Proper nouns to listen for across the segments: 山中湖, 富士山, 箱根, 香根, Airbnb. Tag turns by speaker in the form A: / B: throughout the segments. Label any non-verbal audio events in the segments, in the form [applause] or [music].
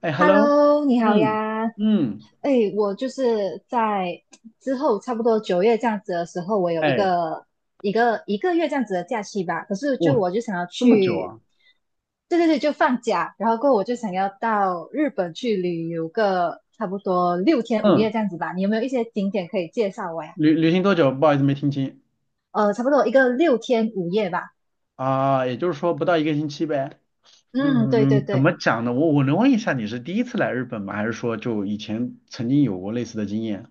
A: 哎，hello，
B: Hello，你好
A: 嗯
B: 呀。
A: 嗯，
B: 哎，我就是在之后差不多九月这样子的时候，我有一
A: 哎，
B: 个一个一个月这样子的假期吧。可是就
A: 哇，
B: 我就想要
A: 这么久
B: 去，
A: 啊，
B: 对对对，就放假。然后过后我就想要到日本去旅游个差不多六天五夜
A: 嗯，
B: 这样子吧。你有没有一些景点可以介绍我呀？
A: 旅行多久？不好意思，没听清。
B: 差不多一个六天五夜吧。
A: 啊，也就是说不到一个星期呗。
B: 嗯，对对
A: 嗯，怎
B: 对。
A: 么讲呢？我能问一下，你是第一次来日本吗？还是说就以前曾经有过类似的经验？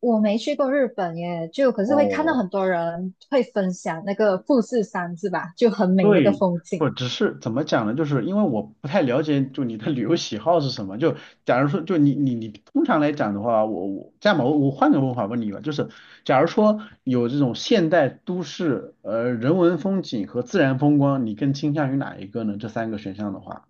B: 我没去过日本耶，就可是会看到
A: 哦，
B: 很多人会分享那个富士山是吧？就很美那个
A: 对，
B: 风景。
A: 不只是怎么讲呢？就是因为我不太了解，就你的旅游喜好是什么。就假如说，就你通常来讲的话，我这样吧，我换个问法问你吧，就是假如说有这种现代都市，人文风景和自然风光，你更倾向于哪一个呢？这三个选项的话，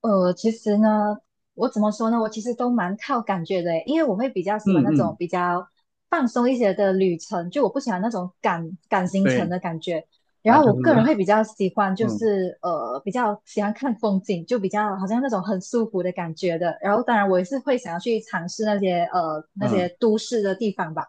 B: 其实呢，我怎么说呢？我其实都蛮靠感觉的耶，因为我会比较喜欢
A: 嗯
B: 那种
A: 嗯，
B: 比较放松一些的旅程，就我不喜欢那种赶赶行程
A: 对
B: 的感觉。然
A: 啊，
B: 后
A: 就
B: 我
A: 是
B: 个人会比较喜欢，
A: [laughs]
B: 就
A: 嗯
B: 是比较喜欢看风景，就比较好像那种很舒服的感觉的。然后当然我也是会想要去尝试那些那些
A: 嗯。
B: 都市的地方吧。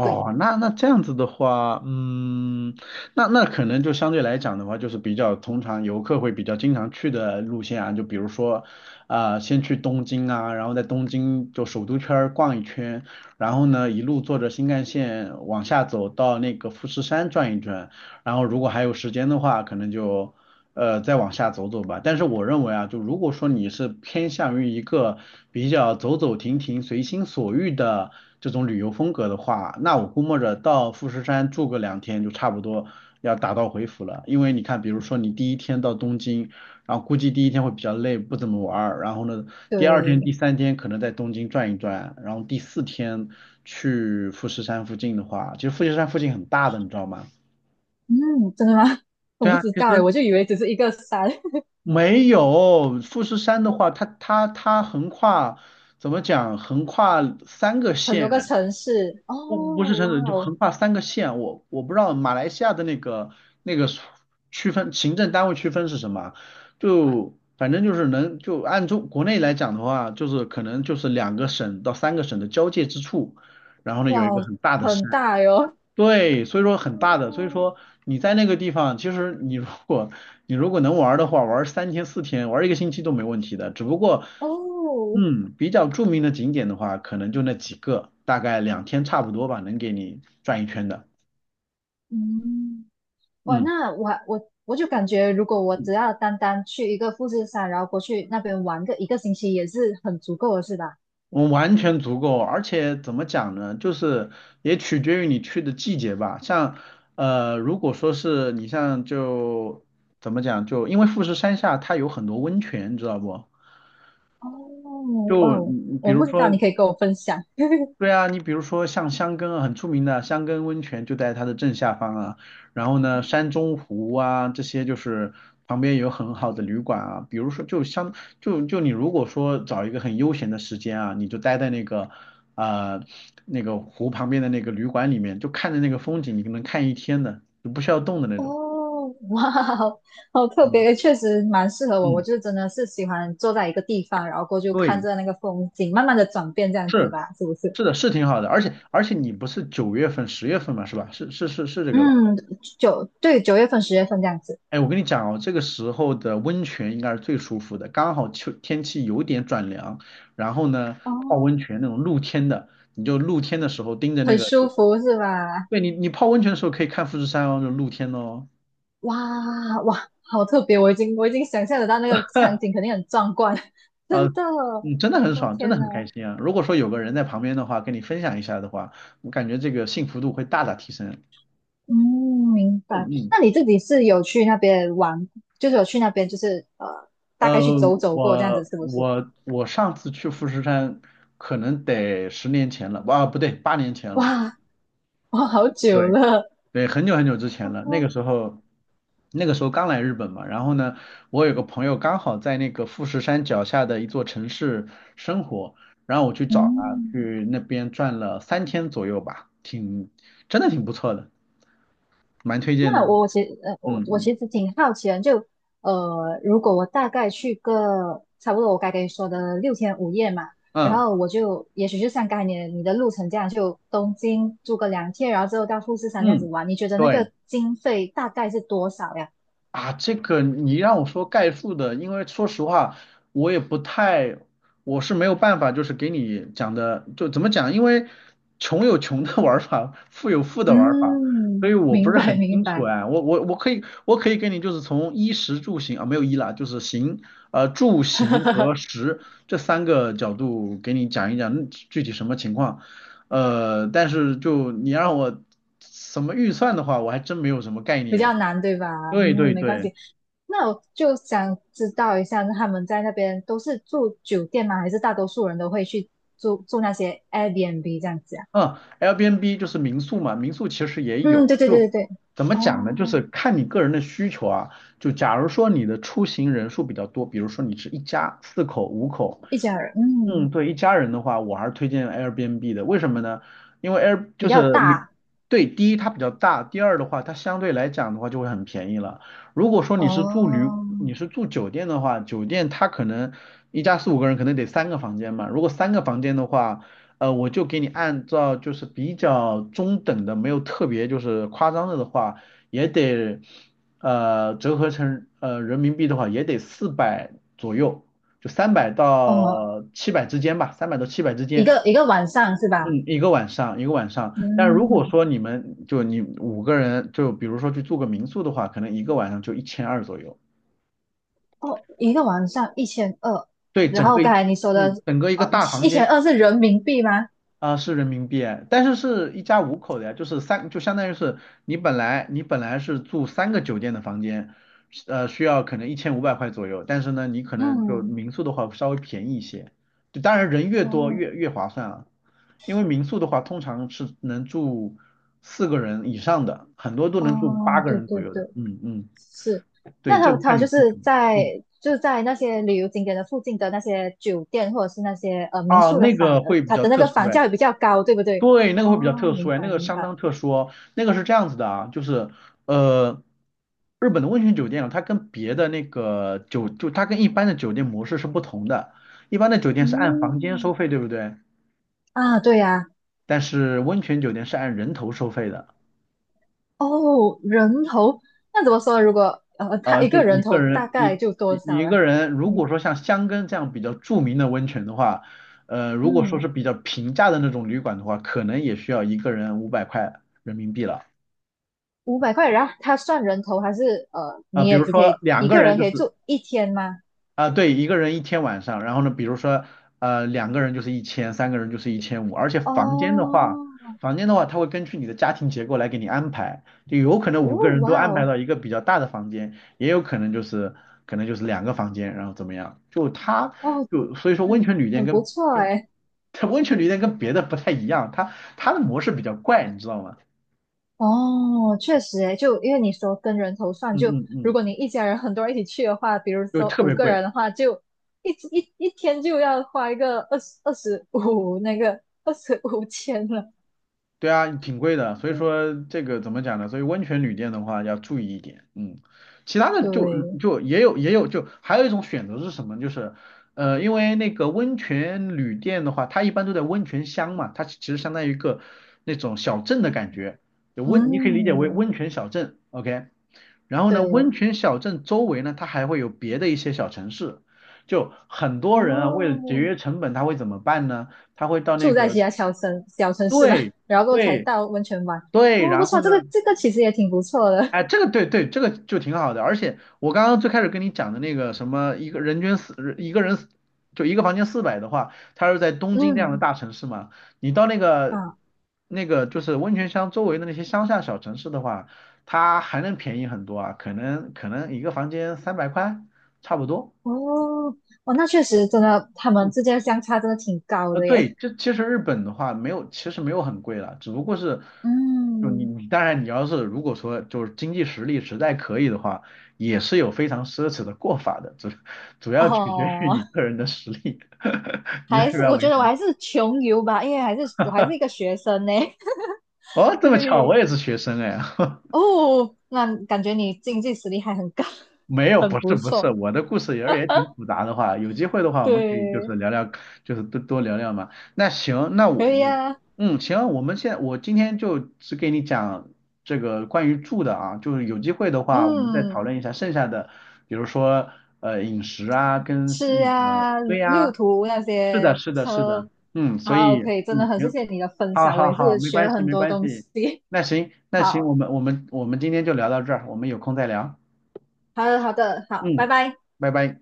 B: 对
A: 那那这样子的话，嗯，那那可能就相对来讲的话，就是比较通常游客会比较经常去的路线啊，就比如说，啊、先去东京啊，然后在东京就首都圈儿逛一圈，然后呢一路坐着新干线往下走到那个富士山转一转，然后如果还有时间的话，可能就。再往下走走吧。但是我认为啊，就如果说你是偏向于一个比较走走停停、随心所欲的这种旅游风格的话，那我估摸着到富士山住个2天就差不多要打道回府了。因为你看，比如说你第一天到东京，然后估计第一天会比较累，不怎么玩儿。然后呢，第二天、第
B: 对，
A: 三天可能在东京转一转，然后第四天去富士山附近的话，其实富士山附近很大的，你知道吗？
B: 嗯，真的吗？[laughs] 我
A: 对
B: 不
A: 啊，
B: 知
A: 其
B: 道诶，
A: 实。
B: 我就以为只是一个山，[laughs]
A: 没有，富士山的话，它横跨怎么讲？横跨三个
B: 很多
A: 县，
B: 个
A: 哎
B: 城市。
A: 不是
B: 哦，
A: 城
B: 哇
A: 市，就横
B: 哦，
A: 跨三个县。我不知道马来西亚的那个那个区分，行政单位区分是什么？就反正就是能就按中国内来讲的话，就是可能就是2个省到3个省的交界之处，然后呢
B: 哇
A: 有一个
B: 哦，
A: 很大的
B: 很
A: 山。
B: 大哟。
A: 对，所以说很大的，所以
B: 哦，
A: 说你在那个地方，其实你如果能玩儿的话，玩儿3天4天，玩儿一个星期都没问题的。只不过，
B: 哦，
A: 嗯，比较著名的景点的话，可能就那几个，大概2天差不多吧，能给你转一圈的。
B: 嗯，哇，
A: 嗯，
B: 那我就感觉，如果我只要单单去一个富士山，然后过去那边玩个一个星期，也是很足够的，是吧？
A: 我完全足够，而且怎么讲呢，就是也取决于你去的季节吧。像如果说是你像就怎么讲，就因为富士山下它有很多温泉，你知道不？
B: 哦，哇
A: 就
B: 哦，
A: 你比
B: 我
A: 如
B: 不知道，
A: 说，
B: 你可以跟我分享。
A: 对啊，你比如说像香根啊，很出名的香根温泉就在它的正下方啊，然后呢，山中湖啊这些就是旁边有很好的旅馆啊，比如说就相就你如果说找一个很悠闲的时间啊，你就待在那个呃那个湖旁边的那个旅馆里面，就看着那个风景，你就能看一天的，就不需要动的那种。
B: 哦，哇哦，好好特
A: 嗯
B: 别，确实蛮适合我。我
A: 嗯，
B: 就真的是喜欢坐在一个地方，然后过去看
A: 对，
B: 着那个风景，慢慢的转变这样子
A: 是
B: 吧，是不是？
A: 是的，是挺好的，而且你不是9月份、10月份嘛，是吧？是是是是这个吧？
B: 嗯，九，对，9月份、10月份这样子。
A: 哎，我跟你讲哦，这个时候的温泉应该是最舒服的，刚好秋天气有点转凉，然后呢，
B: 哦，
A: 泡温泉那种露天的，你就露天的时候盯着那
B: 很
A: 个，
B: 舒服是吧？
A: 对你，你泡温泉的时候可以看富士山哦，就露天哦，
B: 哇哇，好特别！我已经想象得到那个场景肯定很壮观，[laughs] 真
A: 呃，
B: 的。
A: 嗯，真的很
B: 我
A: 爽，真的
B: 天呐！
A: 很开心啊。如果说有个人在旁边的话，跟你分享一下的话，我感觉这个幸福度会大大提升。
B: 嗯，明
A: 嗯
B: 白。
A: 嗯，
B: 那你自己是有去那边玩，就是有去那边，就是大
A: 呃，
B: 概去走走过这样子，
A: 我
B: 是不是？
A: 我我上次去富士山可能得10年前了，啊，不对，8年前了。
B: 哇，我好久
A: 对。
B: 了。
A: 对，很久很久之前了，那
B: 哦，
A: 个时候，那个时候刚来日本嘛，然后呢，我有个朋友刚好在那个富士山脚下的一座城市生活，然后我去找他，
B: 嗯，
A: 去那边转了3天左右吧，挺，真的挺不错的，蛮推荐的
B: 那
A: 哦。
B: 我其实我
A: 嗯
B: 我
A: 嗯
B: 其实挺好奇的，就如果我大概去个差不多我该跟你说的六天五夜嘛，然
A: 嗯
B: 后我就也许就像刚才你的路程这样，就东京住个2天，然后之后到富士山这样子
A: 嗯，
B: 玩，你觉得那
A: 对。
B: 个经费大概是多少呀？
A: 啊，这个你让我说概述的，因为说实话，我也不太，我是没有办法，就是给你讲的，就怎么讲，因为穷有穷的 [laughs] 玩法，富有富的玩法，所
B: 嗯，
A: 以我不
B: 明
A: 是
B: 白
A: 很
B: 明
A: 清楚
B: 白，
A: 哎，我可以给你就是从衣食住行啊，没有衣啦，就是行，呃住行和
B: [laughs]
A: 食这3个角度给你讲一讲具体什么情况，但是就你让我什么预算的话，我还真没有什么概
B: 比
A: 念，
B: 较难对吧？
A: 对对
B: 嗯，没关
A: 对。
B: 系。那我就想知道一下，那他们在那边都是住酒店吗？还是大多数人都会去住那些 Airbnb 这样子啊？
A: 嗯，Airbnb 就是民宿嘛，民宿其实也有，
B: 嗯，对对
A: 就
B: 对对对。
A: 怎么
B: 哦，
A: 讲呢？就是看你个人的需求啊。就假如说你的出行人数比较多，比如说你是一家四口、五口，
B: 一家人，
A: 嗯，
B: 嗯，
A: 对，一家人的话，我还是推荐 Airbnb 的。为什么呢？因为 Air
B: 比
A: 就
B: 较
A: 是民，
B: 大。
A: 对，第一它比较大，第二的话，它相对来讲的话就会很便宜了。如果说你是住旅，
B: 哦，
A: 你是住酒店的话，酒店它可能一家四五个人可能得三个房间嘛，如果三个房间的话。我就给你按照就是比较中等的，没有特别就是夸张的的话，也得折合成人民币的话，也得400左右，就三百
B: 哦，
A: 到七百之间吧，三百到七百之
B: 一
A: 间。
B: 个一个晚上是吧？
A: 嗯，一个晚上，一个晚上。但如果
B: 嗯，
A: 说你们就你五个人，就比如说去住个民宿的话，可能一个晚上就1200左右。
B: 哦，一个晚上一千二。
A: 对，
B: 然
A: 整
B: 后
A: 个
B: 刚
A: 一
B: 才你说的，
A: 嗯，整个一个
B: 呃，
A: 大房
B: 一
A: 间。
B: 千二是人民币吗？
A: 啊，是人民币哎但是是一家五口的呀，就是三，就相当于是你本来是住3个酒店的房间，需要可能1500块左右，但是呢，你可能就
B: 嗯，
A: 民宿的话稍微便宜一些，就当然人越多
B: 哦，
A: 越划算啊，因为民宿的话通常是能住4个人以上的，很多都能住八
B: 哦，
A: 个
B: 对
A: 人左
B: 对
A: 右
B: 对，
A: 的，嗯嗯，
B: 是。
A: 对，
B: 那
A: 这
B: 他
A: 个看
B: 他
A: 你
B: 就
A: 需
B: 是
A: 求，
B: 在
A: 嗯，
B: 那些旅游景点的附近的那些酒店或者是那些民
A: 啊，
B: 宿的
A: 那
B: 房，
A: 个会比
B: 它
A: 较
B: 的那
A: 特
B: 个
A: 殊
B: 房
A: 哎。
B: 价也比较高，对不对？
A: 对，
B: 哦，
A: 那个会比较特殊
B: 明
A: 哎，那
B: 白
A: 个
B: 明
A: 相
B: 白。
A: 当特殊哦那个是这样子的啊，就是呃，日本的温泉酒店啊，它跟别的那个酒，就它跟一般的酒店模式是不同的。一般的酒店是按房间收
B: 嗯，
A: 费，对不对？
B: 啊，对呀、
A: 但是温泉酒店是按人头收费的。
B: 哦，人头，那怎么说？如果他一
A: 就
B: 个
A: 一
B: 人
A: 个
B: 头大
A: 人，
B: 概
A: 你
B: 就多
A: 你你
B: 少
A: 一
B: 啊？
A: 个人，如
B: 嗯
A: 果说像箱根这样比较著名的温泉的话，如果说
B: 嗯，
A: 是比较平价的那种旅馆的话，可能也需要一个人500块人民币了。
B: 500块，然后他算人头还是
A: 啊、
B: 你
A: 比
B: 也
A: 如
B: 只可
A: 说
B: 以
A: 两
B: 一
A: 个
B: 个
A: 人
B: 人
A: 就
B: 可
A: 是
B: 以住一天吗？
A: 啊，对，一个人一天晚上，然后呢，比如说，2个人就是1000，3个人就是1500，而且房间的话，
B: 哦。
A: 房间的话，它会根据你的家庭结构来给你安排，就有可能
B: 哦，
A: 五个人都
B: 哇
A: 安排
B: 哦，
A: 到一个比较大的房间，也有可能就是可能就是2个房间，然后怎么样，就它
B: 哦，
A: 就所以说温
B: 很，
A: 泉旅店
B: 很不
A: 跟
B: 错
A: 跟
B: 哎。
A: [laughs] 它温泉旅店跟别的不太一样，它的模式比较怪，你知道吗？
B: 哦，确实哎，就因为你说跟人头算，
A: 嗯
B: 就
A: 嗯
B: 如
A: 嗯，
B: 果你一家人很多人一起去的话，比如
A: 就
B: 说
A: 特
B: 五
A: 别
B: 个
A: 贵。
B: 人的话，就一一天就要花一个二十五那个二十五千了。
A: 对啊，挺贵的，所以说这个怎么讲呢？所以温泉旅店的话要注意一点，嗯，其他的就
B: 对，
A: 就也有就还有一种选择是什么？就是因为那个温泉旅店的话，它一般都在温泉乡嘛，它其实相当于一个那种小镇的感觉，就温你可以理解为温
B: 嗯，
A: 泉小镇，OK。然后呢，温
B: 对，
A: 泉小镇周围呢，它还会有别的一些小城市。就很多人啊，为了节
B: 哦，
A: 约成本，他会怎么办呢？他会到那
B: 住在
A: 个
B: 其他小城市嘛，
A: 对
B: 然后过后才
A: 对
B: 到温泉玩。
A: 对，
B: 哦，不
A: 然
B: 错，
A: 后
B: 这
A: 呢，
B: 个这个其实也挺不错的。
A: 哎，这个对对，这个就挺好的。而且我刚刚最开始跟你讲的那个什么，一个人均四，一个人四就一个房间400的话，它是在东京这样的
B: 嗯，
A: 大城市嘛。你到那个
B: 啊。
A: 那个就是温泉乡周围的那些乡下小城市的话，它还能便宜很多啊，可能一个房间300块差不多。
B: 哦，哦，那确实真的，他们之间的相差真的挺高的
A: 对，
B: 耶。
A: 这其实日本的话没有，其实没有很贵了，只不过是，
B: [laughs]
A: 就你
B: 嗯，
A: 你当然你要是如果说就是经济实力实在可以的话，也是有非常奢侈的过法的，主要取决于
B: 哦，
A: 你个人的实力，[laughs] 你明
B: 还是
A: 白
B: 我
A: 我意
B: 觉得
A: 思
B: 我
A: 吗？
B: 还是穷游吧，因为还是我还是一个学生呢。
A: 哦，
B: [laughs]
A: 这么巧，我
B: 对，
A: 也是学生哎，[laughs]
B: 哦，那感觉你经济实力还很高，
A: 没
B: [laughs]
A: 有，
B: 很
A: 不是
B: 不
A: 不是，
B: 错。
A: 我的故事也挺复杂的话，有机会的话，我们可以就是
B: 对，
A: 聊聊，就是多多聊聊嘛。那行，那我，
B: 可以
A: 我
B: 啊，
A: 嗯，行，我们现我今天就只给你讲这个关于住的啊，就是有机会的话，我们再讨
B: 嗯，
A: 论一下剩下的，比如说饮食啊，跟
B: 吃
A: 那个
B: 啊，
A: 对
B: 路
A: 呀、
B: 途那
A: 是的，
B: 些
A: 是的，是的，
B: 车，
A: 嗯，所
B: 好，
A: 以
B: 可以，真的
A: 嗯
B: 很谢
A: 行，
B: 谢你的分
A: 好
B: 享，我
A: 好
B: 也
A: 好，
B: 是
A: 没
B: 学
A: 关
B: 了
A: 系
B: 很
A: 没
B: 多
A: 关
B: 东
A: 系，
B: 西。[laughs]
A: 那行那行，我
B: 好，
A: 们我们我们今天就聊到这儿，我们有空再聊。
B: 好的，好的，好，拜
A: 嗯，
B: 拜。
A: 拜拜。